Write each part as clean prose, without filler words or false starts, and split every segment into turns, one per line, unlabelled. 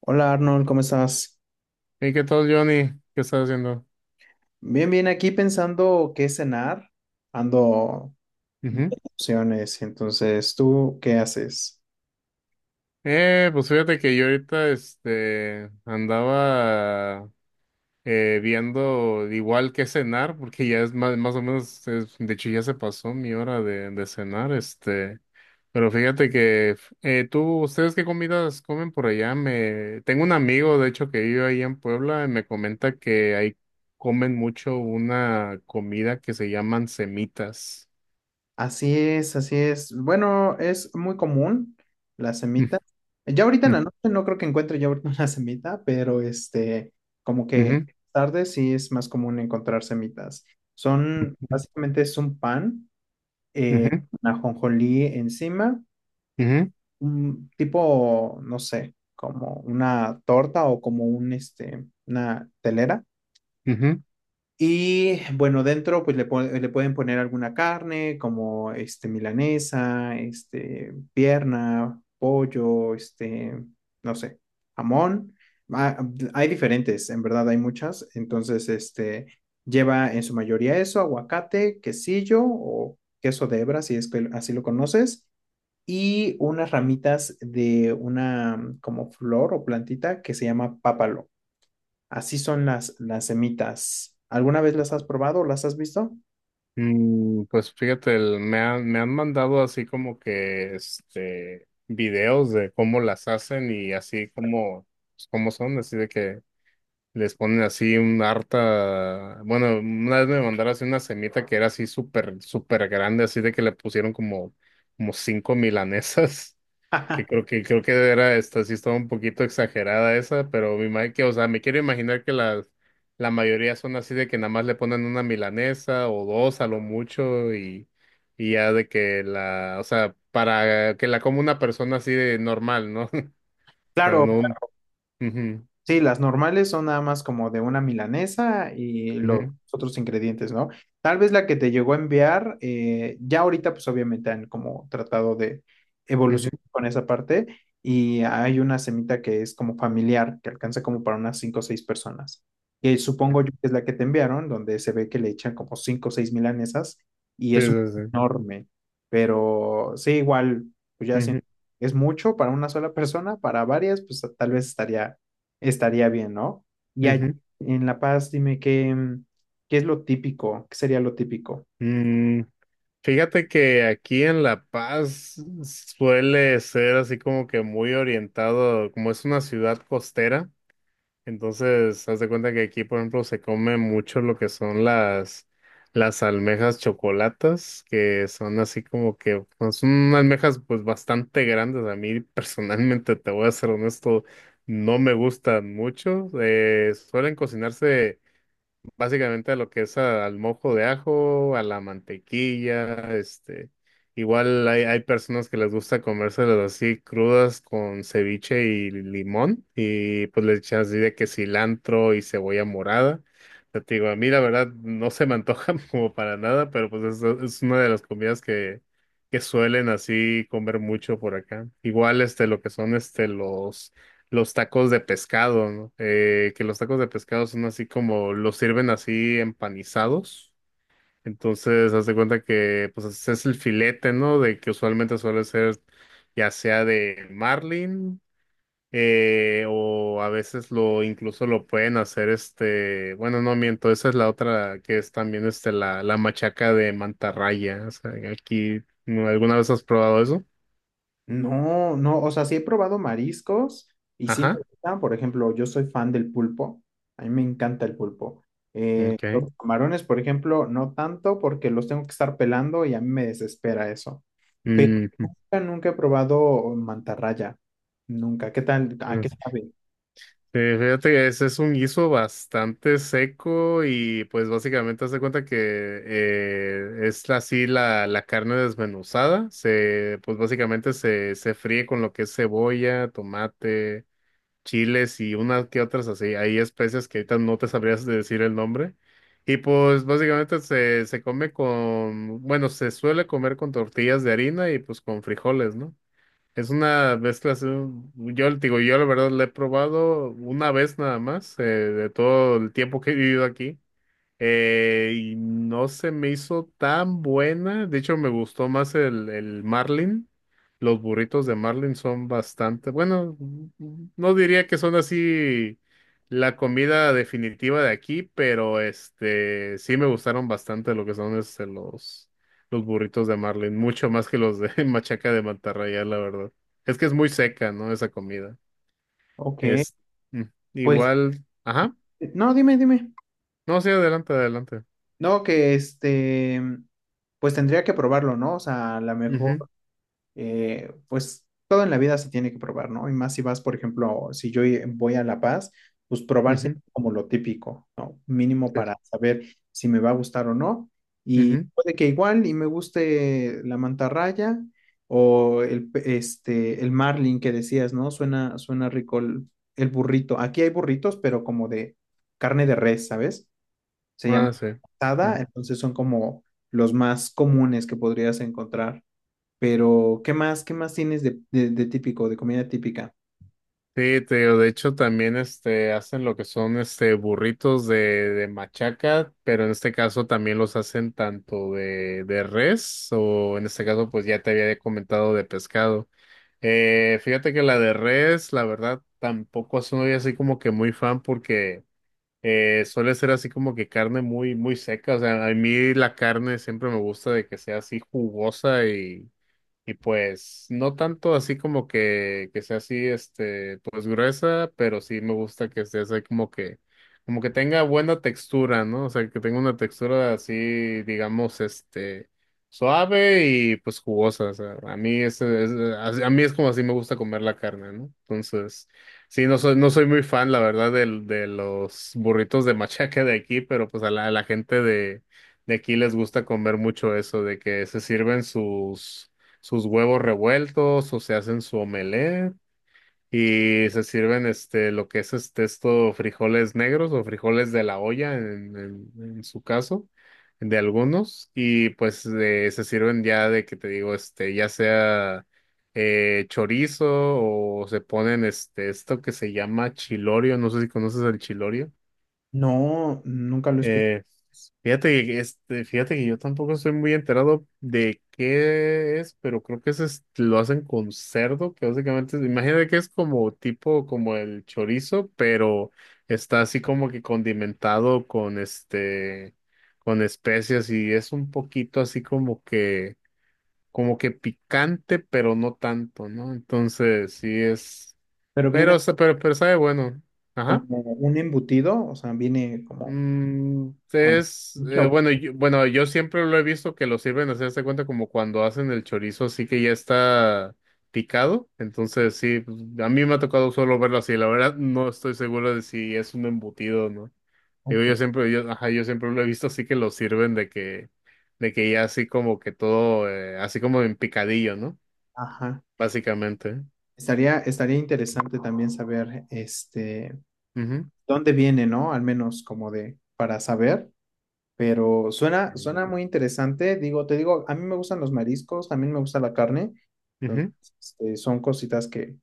Hola Arnold, ¿cómo estás?
¿Y qué tal, Johnny? ¿Qué estás haciendo?
Bien, bien, aquí pensando qué cenar, ando
Ujú.
opciones. Entonces, ¿tú qué haces?
Pues fíjate que yo ahorita andaba viendo igual que cenar, porque ya es más o menos, de hecho ya se pasó mi hora de cenar, pero fíjate que tú, ¿ustedes qué comidas comen por allá? Tengo un amigo, de hecho, que vive ahí en Puebla y me comenta que ahí comen mucho una comida que se llaman semitas.
Así es, así es. Bueno, es muy común la
Ujú,
semita. Ya ahorita en la noche no creo que encuentre yo ahorita una semita, pero como que
ujú,
tarde sí es más común encontrar semitas. Son, básicamente es un pan,
ujú, ujú,
una ajonjolí encima
ujú.
un tipo, no sé, como una torta o como un, una telera.
Ujú.
Y bueno, dentro pues le, le pueden poner alguna carne como milanesa, pierna, pollo, este, no sé, jamón. Ah, hay diferentes, en verdad hay muchas. Entonces, lleva en su mayoría eso, aguacate, quesillo o queso de hebra, si es que así lo conoces, y unas ramitas de una como flor o plantita que se llama pápalo. Así son las semitas. ¿Alguna vez las has probado o las has visto?
Mm, pues fíjate, me han mandado así como que videos de cómo las hacen y así como, pues, cómo son, así de que les ponen así un harta, bueno, una vez me mandaron así una semita que era así súper grande, así de que le pusieron como, como cinco milanesas. Que creo que era esta, sí estaba un poquito exagerada esa, pero me imagino que, o sea, me quiero imaginar que las la mayoría son así de que nada más le ponen una milanesa o dos a lo mucho, y ya de que o sea, para que la coma una persona así de normal, ¿no? Pero
Claro.
no, ujú,
Sí, las normales son nada más como de una milanesa y los
ujú,
otros ingredientes, ¿no? Tal vez la que te llegó a enviar, ya ahorita pues obviamente han como tratado de
ujú,
evolucionar con esa parte, y hay una semita que es como familiar, que alcanza como para unas cinco o seis personas, que supongo yo que es la que te enviaron, donde se ve que le echan como cinco o seis milanesas y
sí,
es un
sí,
enorme. Pero sí, igual, pues ya
sí,
siento,
ujú,
es mucho para una sola persona; para varias, pues tal vez estaría bien, ¿no? Y allá
ujú.
en La Paz, dime qué, mm, qué es lo típico, qué sería lo típico.
Mm, fíjate que aquí en La Paz suele ser así como que muy orientado, como es una ciudad costera. Entonces, haz de cuenta que aquí, por ejemplo, se come mucho lo que son las almejas chocolatas, que son así como que, pues, son almejas pues bastante grandes. A mí personalmente, te voy a ser honesto, no me gustan mucho. Suelen cocinarse. Básicamente a lo que es al mojo de ajo, a la mantequilla, igual hay personas que les gusta comérselas así crudas con ceviche y limón y pues le echan así de que cilantro y cebolla morada. Pero te digo, a mí la verdad no se me antoja como para nada, pero pues es una de las comidas que suelen así comer mucho por acá. Igual lo que son los tacos de pescado, ¿no? Que los tacos de pescado son así como, los sirven así empanizados. Entonces, haz de cuenta que, pues, es el filete, ¿no? De que usualmente suele ser ya sea de marlin, o a veces incluso lo pueden hacer bueno, no miento, esa es la otra que es también la machaca de mantarraya. O sea, aquí, ¿no? ¿Alguna vez has probado eso?
No, no, o sea, sí he probado mariscos y sí me
Ajá.
gustan, por ejemplo, yo soy fan del pulpo, a mí me encanta el pulpo. Los
Okay.
camarones, por ejemplo, no tanto porque los tengo que estar pelando y a mí me desespera eso. Pero
Mm,
nunca he probado mantarraya, nunca. ¿Qué tal? ¿A
mm.
qué sabe?
Sí, fíjate que ese es un guiso bastante seco y pues básicamente hace cuenta que es así la carne desmenuzada, pues básicamente se fríe con lo que es cebolla, tomate, chiles y unas que otras así, hay especias que ahorita no te sabrías de decir el nombre, y pues básicamente se come con, bueno, se suele comer con tortillas de harina y pues con frijoles, ¿no? Es una mezcla así, yo le digo, yo la verdad la he probado una vez nada más, de todo el tiempo que he vivido aquí. Y no se me hizo tan buena. De hecho, me gustó más el Marlin. Los burritos de Marlin son bastante, bueno, no diría que son así la comida definitiva de aquí, pero sí me gustaron bastante lo que son los burritos de Marlin, mucho más que los de Machaca de Mantarraya, la verdad. Es que es muy seca, ¿no? Esa comida.
Ok,
Es mm,
pues,
igual, ajá.
no, dime, dime.
No, sí, adelante, adelante.
No, que pues tendría que probarlo, ¿no? O sea, a lo mejor,
Ujú,
pues todo en la vida se tiene que probar, ¿no? Y más si vas, por ejemplo, si yo voy a La Paz, pues probar siempre
ujú.
como lo típico, ¿no? Mínimo para saber si me va a gustar o no. Y
Ujú.
puede que igual y me guste la mantarraya o el, el marlin que decías, ¿no? Suena, suena rico el burrito. Aquí hay burritos, pero como de carne de res, ¿sabes? Se llama
Ah, sí. Ujú.
asada, entonces son como los más comunes que podrías encontrar. Pero, ¿qué más? ¿Qué más tienes de, de típico, de comida típica?
Sí, te digo, de hecho también hacen lo que son burritos de machaca, pero en este caso también los hacen tanto de res o en este caso pues ya te había comentado de pescado. Fíjate que la de res, la verdad, tampoco soy así como que muy fan porque suele ser así como que carne muy seca. O sea, a mí la carne siempre me gusta de que sea así jugosa, y Y pues no tanto así como que sea así, pues gruesa, pero sí me gusta que esté así como que tenga buena textura, ¿no? O sea, que tenga una textura así, digamos, suave y pues jugosa. O sea, a mí es como así me gusta comer la carne, ¿no? Entonces, sí, no soy muy fan, la verdad, de los burritos de machaca de aquí, pero pues a a la gente de aquí les gusta comer mucho eso, de que se sirven sus huevos revueltos o se hacen su omelette, y se sirven este lo que es este esto frijoles negros o frijoles de la olla en su caso de algunos, y pues se sirven ya de que te digo ya sea chorizo o se ponen este esto que se llama chilorio. No sé si conoces el chilorio.
No, nunca lo escuché,
Eh, fíjate que yo tampoco estoy muy enterado de qué es, pero creo que lo hacen con cerdo, que básicamente, imagínate que es como tipo como el chorizo, pero está así como que condimentado con con especias, y es un poquito así como que picante, pero no tanto, ¿no? Entonces, sí es,
pero viene
pero, sa- pero sabe bueno.
como
Ajá.
un embutido, o sea, viene como...
Mm,
como la salchicha.
bueno, yo siempre lo he visto que lo sirven, así hazte cuenta como cuando hacen el chorizo, así que ya está picado. Entonces, sí, pues, a mí me ha tocado solo verlo así. La verdad, no estoy seguro de si es un embutido o no. Digo,
Ok,
yo siempre lo he visto así que lo sirven de que ya así como que todo, así como en picadillo, ¿no?
ajá.
Básicamente.
Estaría, estaría interesante también saber,
Ujú.
dónde viene, ¿no? Al menos como de, para saber, pero suena, suena muy interesante. Digo, te digo, a mí me gustan los mariscos, también me gusta la carne.
Ujú,
Este, son cositas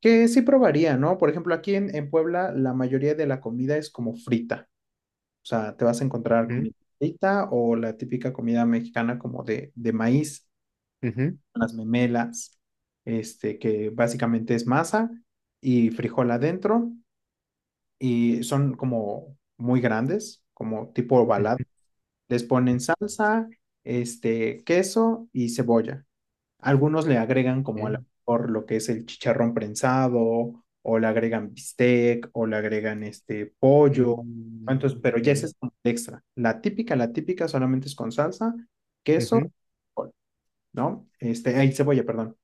que sí probaría, ¿no? Por ejemplo, aquí en Puebla la mayoría de la comida es como frita. O sea, te vas a encontrar
ujú,
comida frita o la típica comida mexicana como de maíz,
ujú,
las memelas, que básicamente es masa y frijol adentro, y son como muy grandes, como tipo ovalado.
ujú,
Les ponen salsa, queso y cebolla. Algunos le agregan como a lo
ok.
mejor lo que es el chicharrón prensado, o le agregan bistec, o le agregan pollo. Entonces,
Mm,
pero ya ese
ok.
es como el extra. La típica solamente es con salsa,
Ujú,
queso, col, ¿no? Este, ay, cebolla, perdón.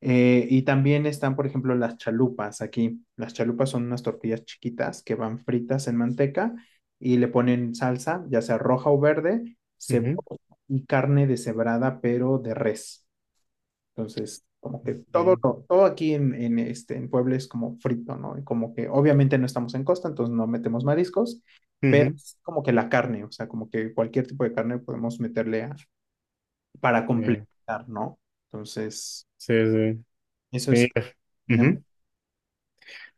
Y también están, por ejemplo, las chalupas aquí. Las chalupas son unas tortillas chiquitas que van fritas en manteca, y le ponen salsa, ya sea roja o verde,
ujú,
cebolla y carne deshebrada, pero de res. Entonces, como que
ok.
todo aquí en, en Puebla es como frito, ¿no? Y como que obviamente no estamos en costa, entonces no metemos mariscos, pero
Ujú,
es como que la carne, o sea, como que cualquier tipo de carne podemos meterle para
eh,
complementar, ¿no? Entonces, eso es...
sí. Y,
tenemos,
ujú.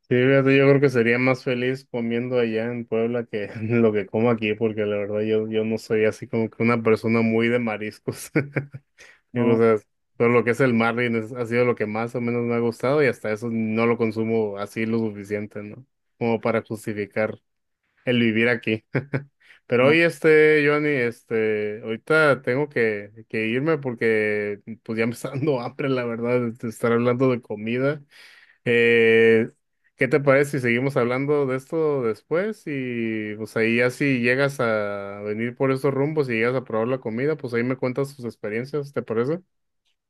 Sí, fíjate, yo creo que sería más feliz comiendo allá en Puebla que lo que como aquí, porque la verdad yo no soy así como que una persona muy de mariscos. Digo, o
no,
sea, todo lo que es el mar ha sido lo que más o menos me ha gustado, y hasta eso no lo consumo así lo suficiente, ¿no? Como para justificar el vivir aquí. Pero
no.
hoy, Johnny, ahorita tengo que irme porque pues ya me está dando hambre, la verdad, de estar hablando de comida. Eh, ¿Qué te parece si seguimos hablando de esto después? Y pues ahí ya si llegas a venir por estos rumbos y llegas a probar la comida, pues ahí me cuentas tus experiencias, ¿te parece?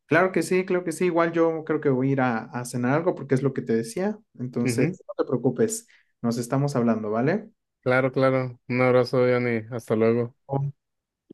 Claro que sí, claro que sí. Igual yo creo que voy a ir a cenar algo porque es lo que te decía.
Ujú.
Entonces, no te preocupes, nos estamos hablando, ¿vale?
Claro, claro. Un abrazo, Johnny. Hasta luego.